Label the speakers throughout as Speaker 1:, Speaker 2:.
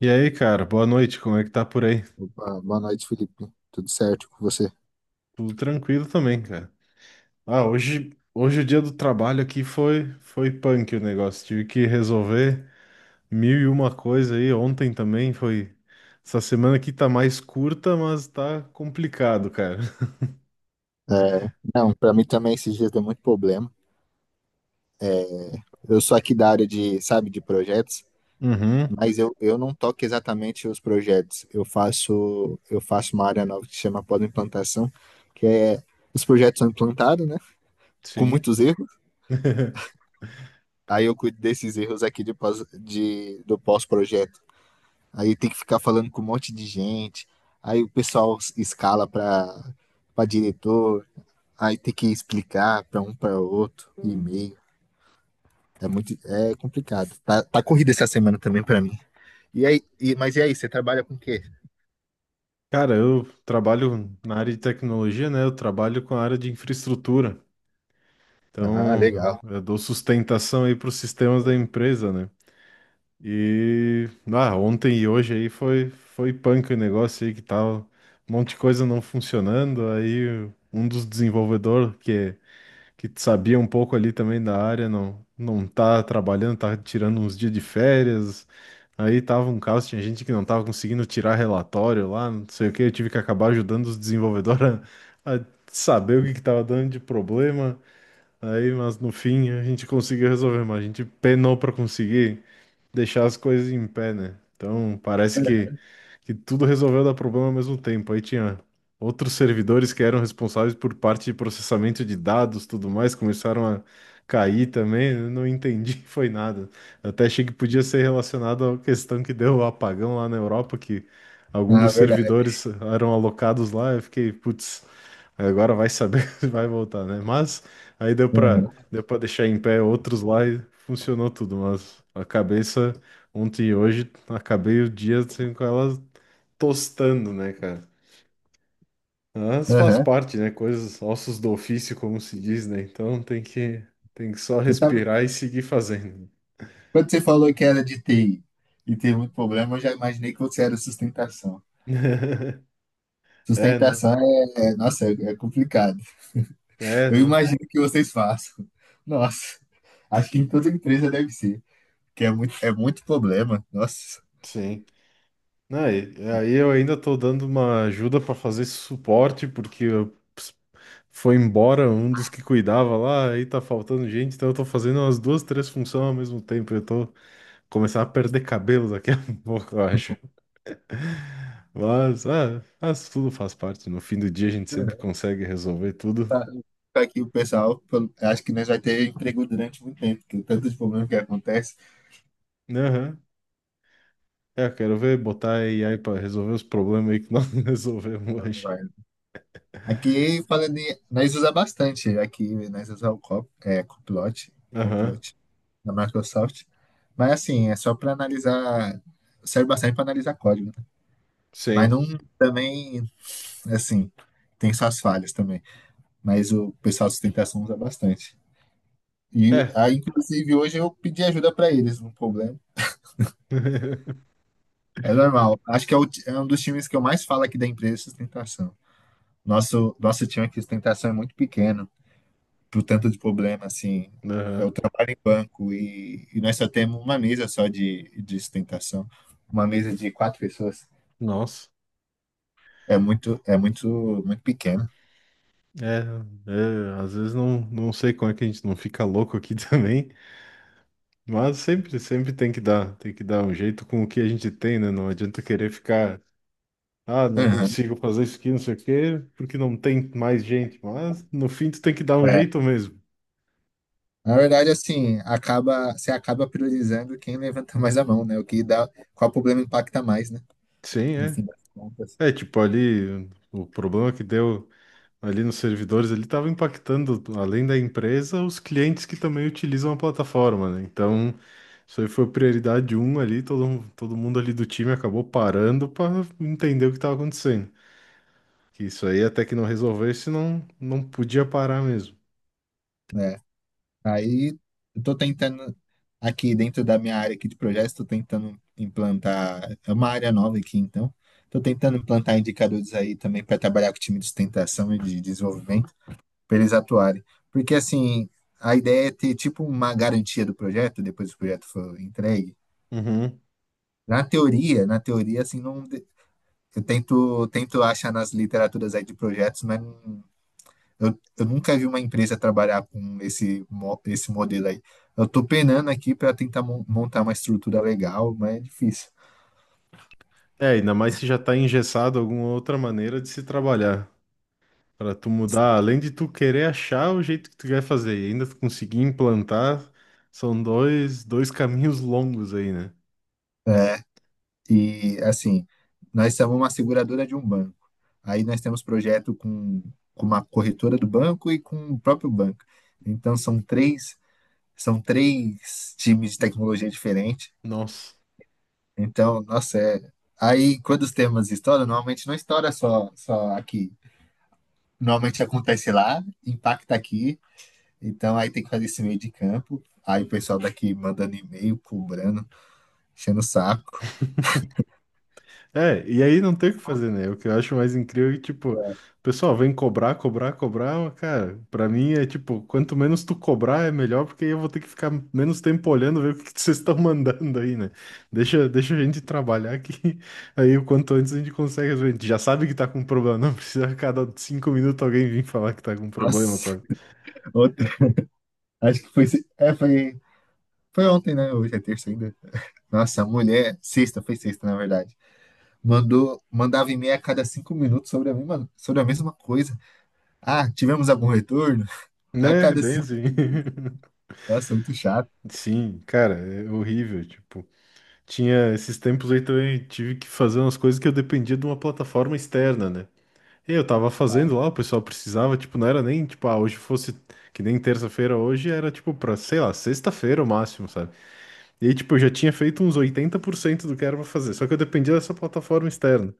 Speaker 1: E aí, cara, boa noite. Como é que tá por aí?
Speaker 2: Ah, boa noite, Felipe. Tudo certo com você?
Speaker 1: Tudo tranquilo também, cara. Ah, hoje o dia do trabalho aqui foi punk o negócio. Tive que resolver mil e uma coisa aí. Ontem também foi. Essa semana aqui tá mais curta, mas tá complicado, cara.
Speaker 2: É, não, pra mim também esses dias deu muito problema. Eu sou aqui da área de, sabe, de projetos,
Speaker 1: Uhum,
Speaker 2: mas eu não toco exatamente os projetos. Eu faço uma área nova que se chama pós-implantação, que é os projetos são implantados, né? Com
Speaker 1: sim.
Speaker 2: muitos erros. Aí eu cuido desses erros aqui de pós, de, do pós-projeto. Aí tem que ficar falando com um monte de gente. Aí o pessoal escala para diretor. Aí tem que explicar para um para outro, e-mail. É muito, é complicado. Tá, corrida essa semana também para mim. E aí, mas e aí, você trabalha com o quê?
Speaker 1: Cara, eu trabalho na área de tecnologia, né? Eu trabalho com a área de infraestrutura.
Speaker 2: Ah,
Speaker 1: Então,
Speaker 2: legal.
Speaker 1: eu dou sustentação aí para os sistemas da empresa, né? E ah, ontem e hoje aí foi punk o negócio aí que tava um monte de coisa não funcionando, aí um dos desenvolvedores que sabia um pouco ali também da área não tá trabalhando, tá tirando uns dias de férias. Aí tava um caos, tinha gente que não tava conseguindo tirar relatório lá, não sei o que, eu tive que acabar ajudando os desenvolvedores a saber o que que tava dando de problema. Aí, mas no fim a gente conseguiu resolver, mas a gente penou pra conseguir deixar as coisas em pé, né? Então, parece que tudo resolveu dar problema ao mesmo tempo. Aí tinha outros servidores que eram responsáveis por parte de processamento de dados, tudo mais, começaram a cair também. Eu não entendi, foi nada. Eu até achei que podia ser relacionado à questão que deu o apagão lá na Europa, que algum
Speaker 2: Ah,
Speaker 1: dos
Speaker 2: verdade.
Speaker 1: servidores eram alocados lá. Eu fiquei, putz, agora vai saber se vai voltar, né? Mas aí deu para
Speaker 2: Aham,
Speaker 1: deu para deixar em pé outros lá e funcionou tudo, mas a cabeça ontem e hoje acabei o dia assim, com ela tostando, né, cara? Mas faz
Speaker 2: aham.
Speaker 1: parte, né? Coisas, ossos do ofício, como se diz, né? Então tem que só
Speaker 2: Eu tava-
Speaker 1: respirar e seguir fazendo.
Speaker 2: Quando você falou que era de TI e teve muito problema, eu já imaginei que você era sustentação.
Speaker 1: É, não.
Speaker 2: Sustentação nossa, é complicado.
Speaker 1: É,
Speaker 2: Eu
Speaker 1: não.
Speaker 2: imagino que vocês façam. Nossa, acho que em toda empresa deve ser, que é muito problema. Nossa.
Speaker 1: Sim. Não, aí eu ainda tô dando uma ajuda para fazer esse suporte, porque foi embora um dos que cuidava lá, aí tá faltando gente, então eu tô fazendo umas duas, três funções ao mesmo tempo. Eu tô começando a perder cabelo daqui a pouco, eu acho. Mas, ah, mas tudo faz parte. No fim do dia a gente sempre consegue resolver tudo.
Speaker 2: Tá tá aqui o pessoal, acho que nós vai ter emprego durante muito tempo, porque tanto de problema que acontece.
Speaker 1: Aham. É, quero ver botar a AI para resolver os problemas aí que nós não resolvemos hoje.
Speaker 2: Vai. Aqui, falando em, nós usa bastante, aqui nós usamos o Cop, é, Copilot,
Speaker 1: Aham.
Speaker 2: Copilot da Microsoft, mas assim, é só para analisar, serve bastante para analisar código, né? Mas não
Speaker 1: Sim.
Speaker 2: também, assim, tem suas falhas também, mas o pessoal de sustentação usa bastante. E
Speaker 1: É.
Speaker 2: aí, inclusive, hoje eu pedi ajuda para eles num problema. É normal. Acho que é, é um dos times que eu mais falo aqui da empresa, sustentação. Nosso time aqui, sustentação, é muito pequeno, pro tanto de problema, assim. Eu
Speaker 1: Aham.
Speaker 2: trabalho em banco e nós só temos uma mesa só de sustentação. Uma mesa de quatro pessoas.
Speaker 1: Nossa.
Speaker 2: É muito pequeno.
Speaker 1: É, é, às vezes não sei como é que a gente não fica louco aqui também, mas sempre, sempre tem que dar um jeito com o que a gente tem, né? Não adianta querer ficar: ah, não
Speaker 2: Aham.
Speaker 1: consigo fazer isso aqui, não sei o quê, porque não tem mais gente. Mas no fim tu tem que dar um
Speaker 2: É.
Speaker 1: jeito mesmo.
Speaker 2: Na verdade, assim, acaba, você acaba priorizando quem levanta mais a mão, né? O que dá, qual problema impacta mais, né?
Speaker 1: Sim,
Speaker 2: No
Speaker 1: é.
Speaker 2: fim das contas.
Speaker 1: É, tipo, ali o problema que deu ali nos servidores, ele estava impactando, além da empresa, os clientes que também utilizam a plataforma, né? Então, isso aí foi prioridade um ali, todo mundo ali do time acabou parando para entender o que estava acontecendo. Que isso aí até que não resolvesse, não podia parar mesmo.
Speaker 2: Né? Aí eu tô tentando aqui dentro da minha área aqui de projetos, tô tentando implantar, é uma área nova aqui, então. Tô tentando implantar indicadores aí também para trabalhar com o time de sustentação e de desenvolvimento, para eles atuarem. Porque assim, a ideia é ter tipo uma garantia do projeto depois que o projeto for entregue. Na teoria assim não de- eu tento achar nas literaturas aí de projetos, mas não eu nunca vi uma empresa trabalhar com esse modelo aí. Eu tô penando aqui para tentar montar uma estrutura legal, mas é difícil.
Speaker 1: É, ainda mais se já tá engessado alguma outra maneira de se trabalhar. Pra tu mudar, além de tu querer achar o jeito que tu quer fazer e ainda tu conseguir implantar, são dois caminhos longos aí, né?
Speaker 2: É, e assim, nós somos uma seguradora de um banco. Aí nós temos projeto com uma corretora do banco e com o próprio banco. Então são três times de tecnologia diferentes.
Speaker 1: Nossa.
Speaker 2: Então, nossa, é... aí quando os temas estouram, normalmente não estoura só aqui. Normalmente acontece lá, impacta aqui. Então aí tem que fazer esse meio de campo. Aí o pessoal daqui mandando e-mail, cobrando, enchendo o saco.
Speaker 1: É, e aí não tem o que fazer, né? O que eu acho mais incrível é que, tipo, o pessoal vem cobrar, cobrar, cobrar, mas, cara, pra mim é tipo, quanto menos tu cobrar é melhor, porque aí eu vou ter que ficar menos tempo olhando, ver o que que vocês estão mandando aí, né? Deixa a gente trabalhar que aí o quanto antes a gente consegue resolver. A gente já sabe que tá com problema, não precisa a cada 5 minutos alguém vir falar que tá com problema,
Speaker 2: Nossa,
Speaker 1: sabe?
Speaker 2: ontem, acho que foi, é, foi, foi ontem, né? Hoje é terça ainda. Nossa, a mulher, foi sexta, na verdade. Mandava e-mail a cada cinco minutos sobre sobre a mesma coisa. Ah, tivemos algum retorno? A
Speaker 1: Né?
Speaker 2: cada
Speaker 1: Bem
Speaker 2: cinco
Speaker 1: assim.
Speaker 2: minutos. Nossa, muito chato.
Speaker 1: Sim, cara, é horrível, tipo. Tinha esses tempos aí também, tive que fazer umas coisas que eu dependia de uma plataforma externa, né? E eu tava fazendo lá, o pessoal precisava, tipo, não era nem, tipo, ah, hoje fosse, que nem terça-feira hoje, era, tipo, pra, sei lá, sexta-feira o máximo, sabe? E aí, tipo, eu já tinha feito uns 80% do que era pra fazer, só que eu dependia dessa plataforma externa.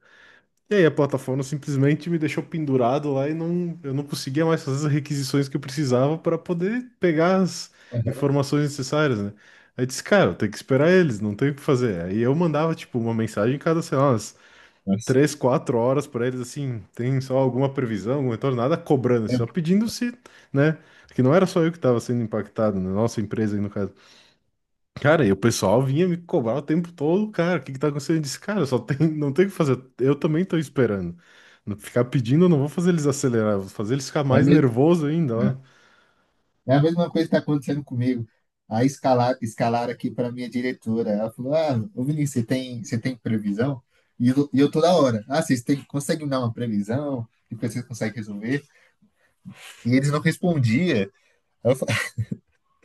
Speaker 1: E aí a plataforma simplesmente me deixou pendurado lá e não, eu não conseguia mais fazer as requisições que eu precisava para poder pegar as
Speaker 2: Uhum.
Speaker 1: informações necessárias, né? Aí eu disse, cara, eu tenho que esperar eles, não tenho o que fazer. Aí eu mandava, tipo, uma mensagem cada, sei lá, umas
Speaker 2: Nossa.
Speaker 1: três, quatro horas para eles, assim, tem só alguma previsão, algum retorno, nada cobrando, assim,
Speaker 2: É,
Speaker 1: só pedindo se, né? Que não era só eu que estava sendo impactado, né? Nossa empresa aí no caso. Cara, e o pessoal vinha me cobrar o tempo todo, cara, o que que tá acontecendo? Eu disse, cara, só tem, não tem o que fazer, eu também tô esperando. Não ficar pedindo, eu não vou fazer eles acelerar, vou fazer eles ficar
Speaker 2: é
Speaker 1: mais
Speaker 2: mesmo,
Speaker 1: nervoso ainda, ó.
Speaker 2: É a mesma coisa que está acontecendo comigo. Aí escalar aqui para minha diretora. Ela falou: Ah, ô Vinícius, você tem previsão? E eu toda hora. Ah, conseguem dar uma previsão? Depois vocês conseguem resolver? E eles não respondiam. Aí,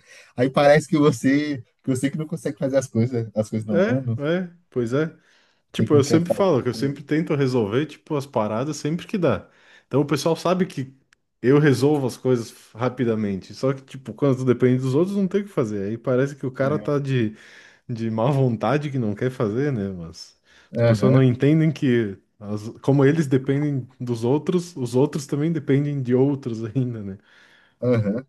Speaker 2: aí parece que você que não consegue fazer as coisas não andam,
Speaker 1: É, é, pois é.
Speaker 2: você
Speaker 1: Tipo,
Speaker 2: que não
Speaker 1: eu
Speaker 2: quer
Speaker 1: sempre falo
Speaker 2: fazer.
Speaker 1: que eu sempre tento resolver, tipo, as paradas sempre que dá. Então o pessoal sabe que eu resolvo as coisas rapidamente, só que, tipo, quando depende dos outros, não tem o que fazer. Aí parece que o cara
Speaker 2: Né?
Speaker 1: tá de má vontade que não quer fazer, né? Mas as pessoas não
Speaker 2: Aham,
Speaker 1: entendem que como eles dependem dos outros, os outros também dependem de outros ainda, né?
Speaker 2: aham.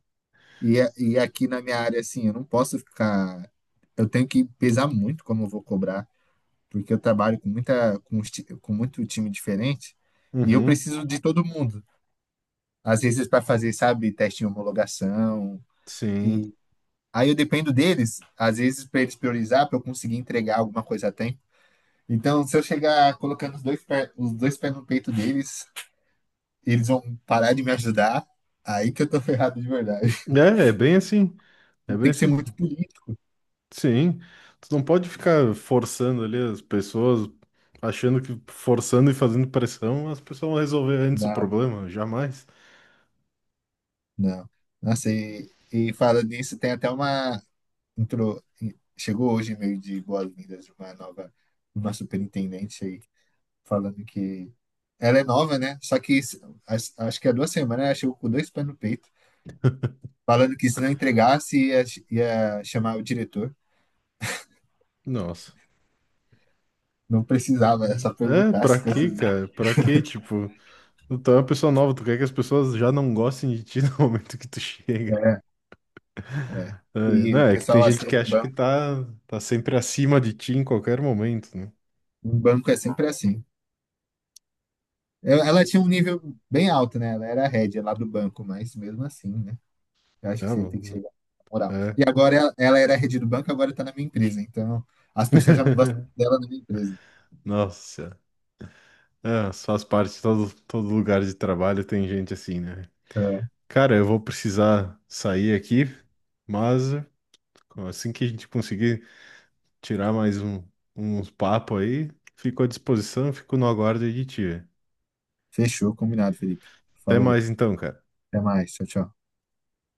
Speaker 2: E aqui na minha área, assim, eu não posso ficar. Eu tenho que pesar muito como eu vou cobrar. Porque eu trabalho com muito time diferente e eu
Speaker 1: Uhum,
Speaker 2: preciso de todo mundo. Às vezes para fazer, sabe, teste de homologação
Speaker 1: sim.
Speaker 2: e aí eu dependo deles, às vezes para eles priorizar, para eu conseguir entregar alguma coisa a tempo. Então, se eu chegar colocando os dois pés no peito deles, eles vão parar de me ajudar. Aí que eu tô ferrado de verdade.
Speaker 1: É, é bem assim. É bem
Speaker 2: Tem que ser
Speaker 1: assim.
Speaker 2: muito político.
Speaker 1: Sim. Tu não pode ficar forçando ali as pessoas, achando que forçando e fazendo pressão, as pessoas vão resolver antes o
Speaker 2: Não,
Speaker 1: problema. Jamais.
Speaker 2: não. Nossa, e falando nisso, tem até entrou, chegou hoje meio de boas-vindas de uma superintendente aí, falando que ela é nova, né? Só que isso- as- acho que há duas semanas né? Ela chegou com dois pés no peito, falando que se não entregasse ia chamar o diretor.
Speaker 1: Nossa.
Speaker 2: Não precisava, era só
Speaker 1: É,
Speaker 2: perguntar se
Speaker 1: pra quê,
Speaker 2: conseguia.
Speaker 1: cara? Pra quê, tipo? Tu é uma pessoa nova, tu quer que as pessoas já não gostem de ti no momento que tu chega. É,
Speaker 2: E
Speaker 1: não,
Speaker 2: o
Speaker 1: é que tem
Speaker 2: pessoal
Speaker 1: gente
Speaker 2: assim,
Speaker 1: que acha que tá sempre acima de ti em qualquer momento, né?
Speaker 2: em banco é sempre assim. Ela tinha um nível bem alto, né? Ela era head lá do banco, mas mesmo assim, né? Eu acho que
Speaker 1: Ah,
Speaker 2: você tem que
Speaker 1: mano,
Speaker 2: chegar na moral.
Speaker 1: é.
Speaker 2: E agora ela era head do banco, agora está na minha empresa. Então, as pessoas já não gostam dela na minha empresa.
Speaker 1: Nossa, Senhora. É, mas faz parte, todo lugar de trabalho tem gente assim, né?
Speaker 2: É.
Speaker 1: Cara, eu vou precisar sair aqui, mas assim que a gente conseguir tirar mais um, uns papo aí, fico à disposição, fico no aguardo aí de ti.
Speaker 2: Fechou, combinado, Felipe.
Speaker 1: Até
Speaker 2: Falou,
Speaker 1: mais então, cara.
Speaker 2: até mais. Tchau, tchau.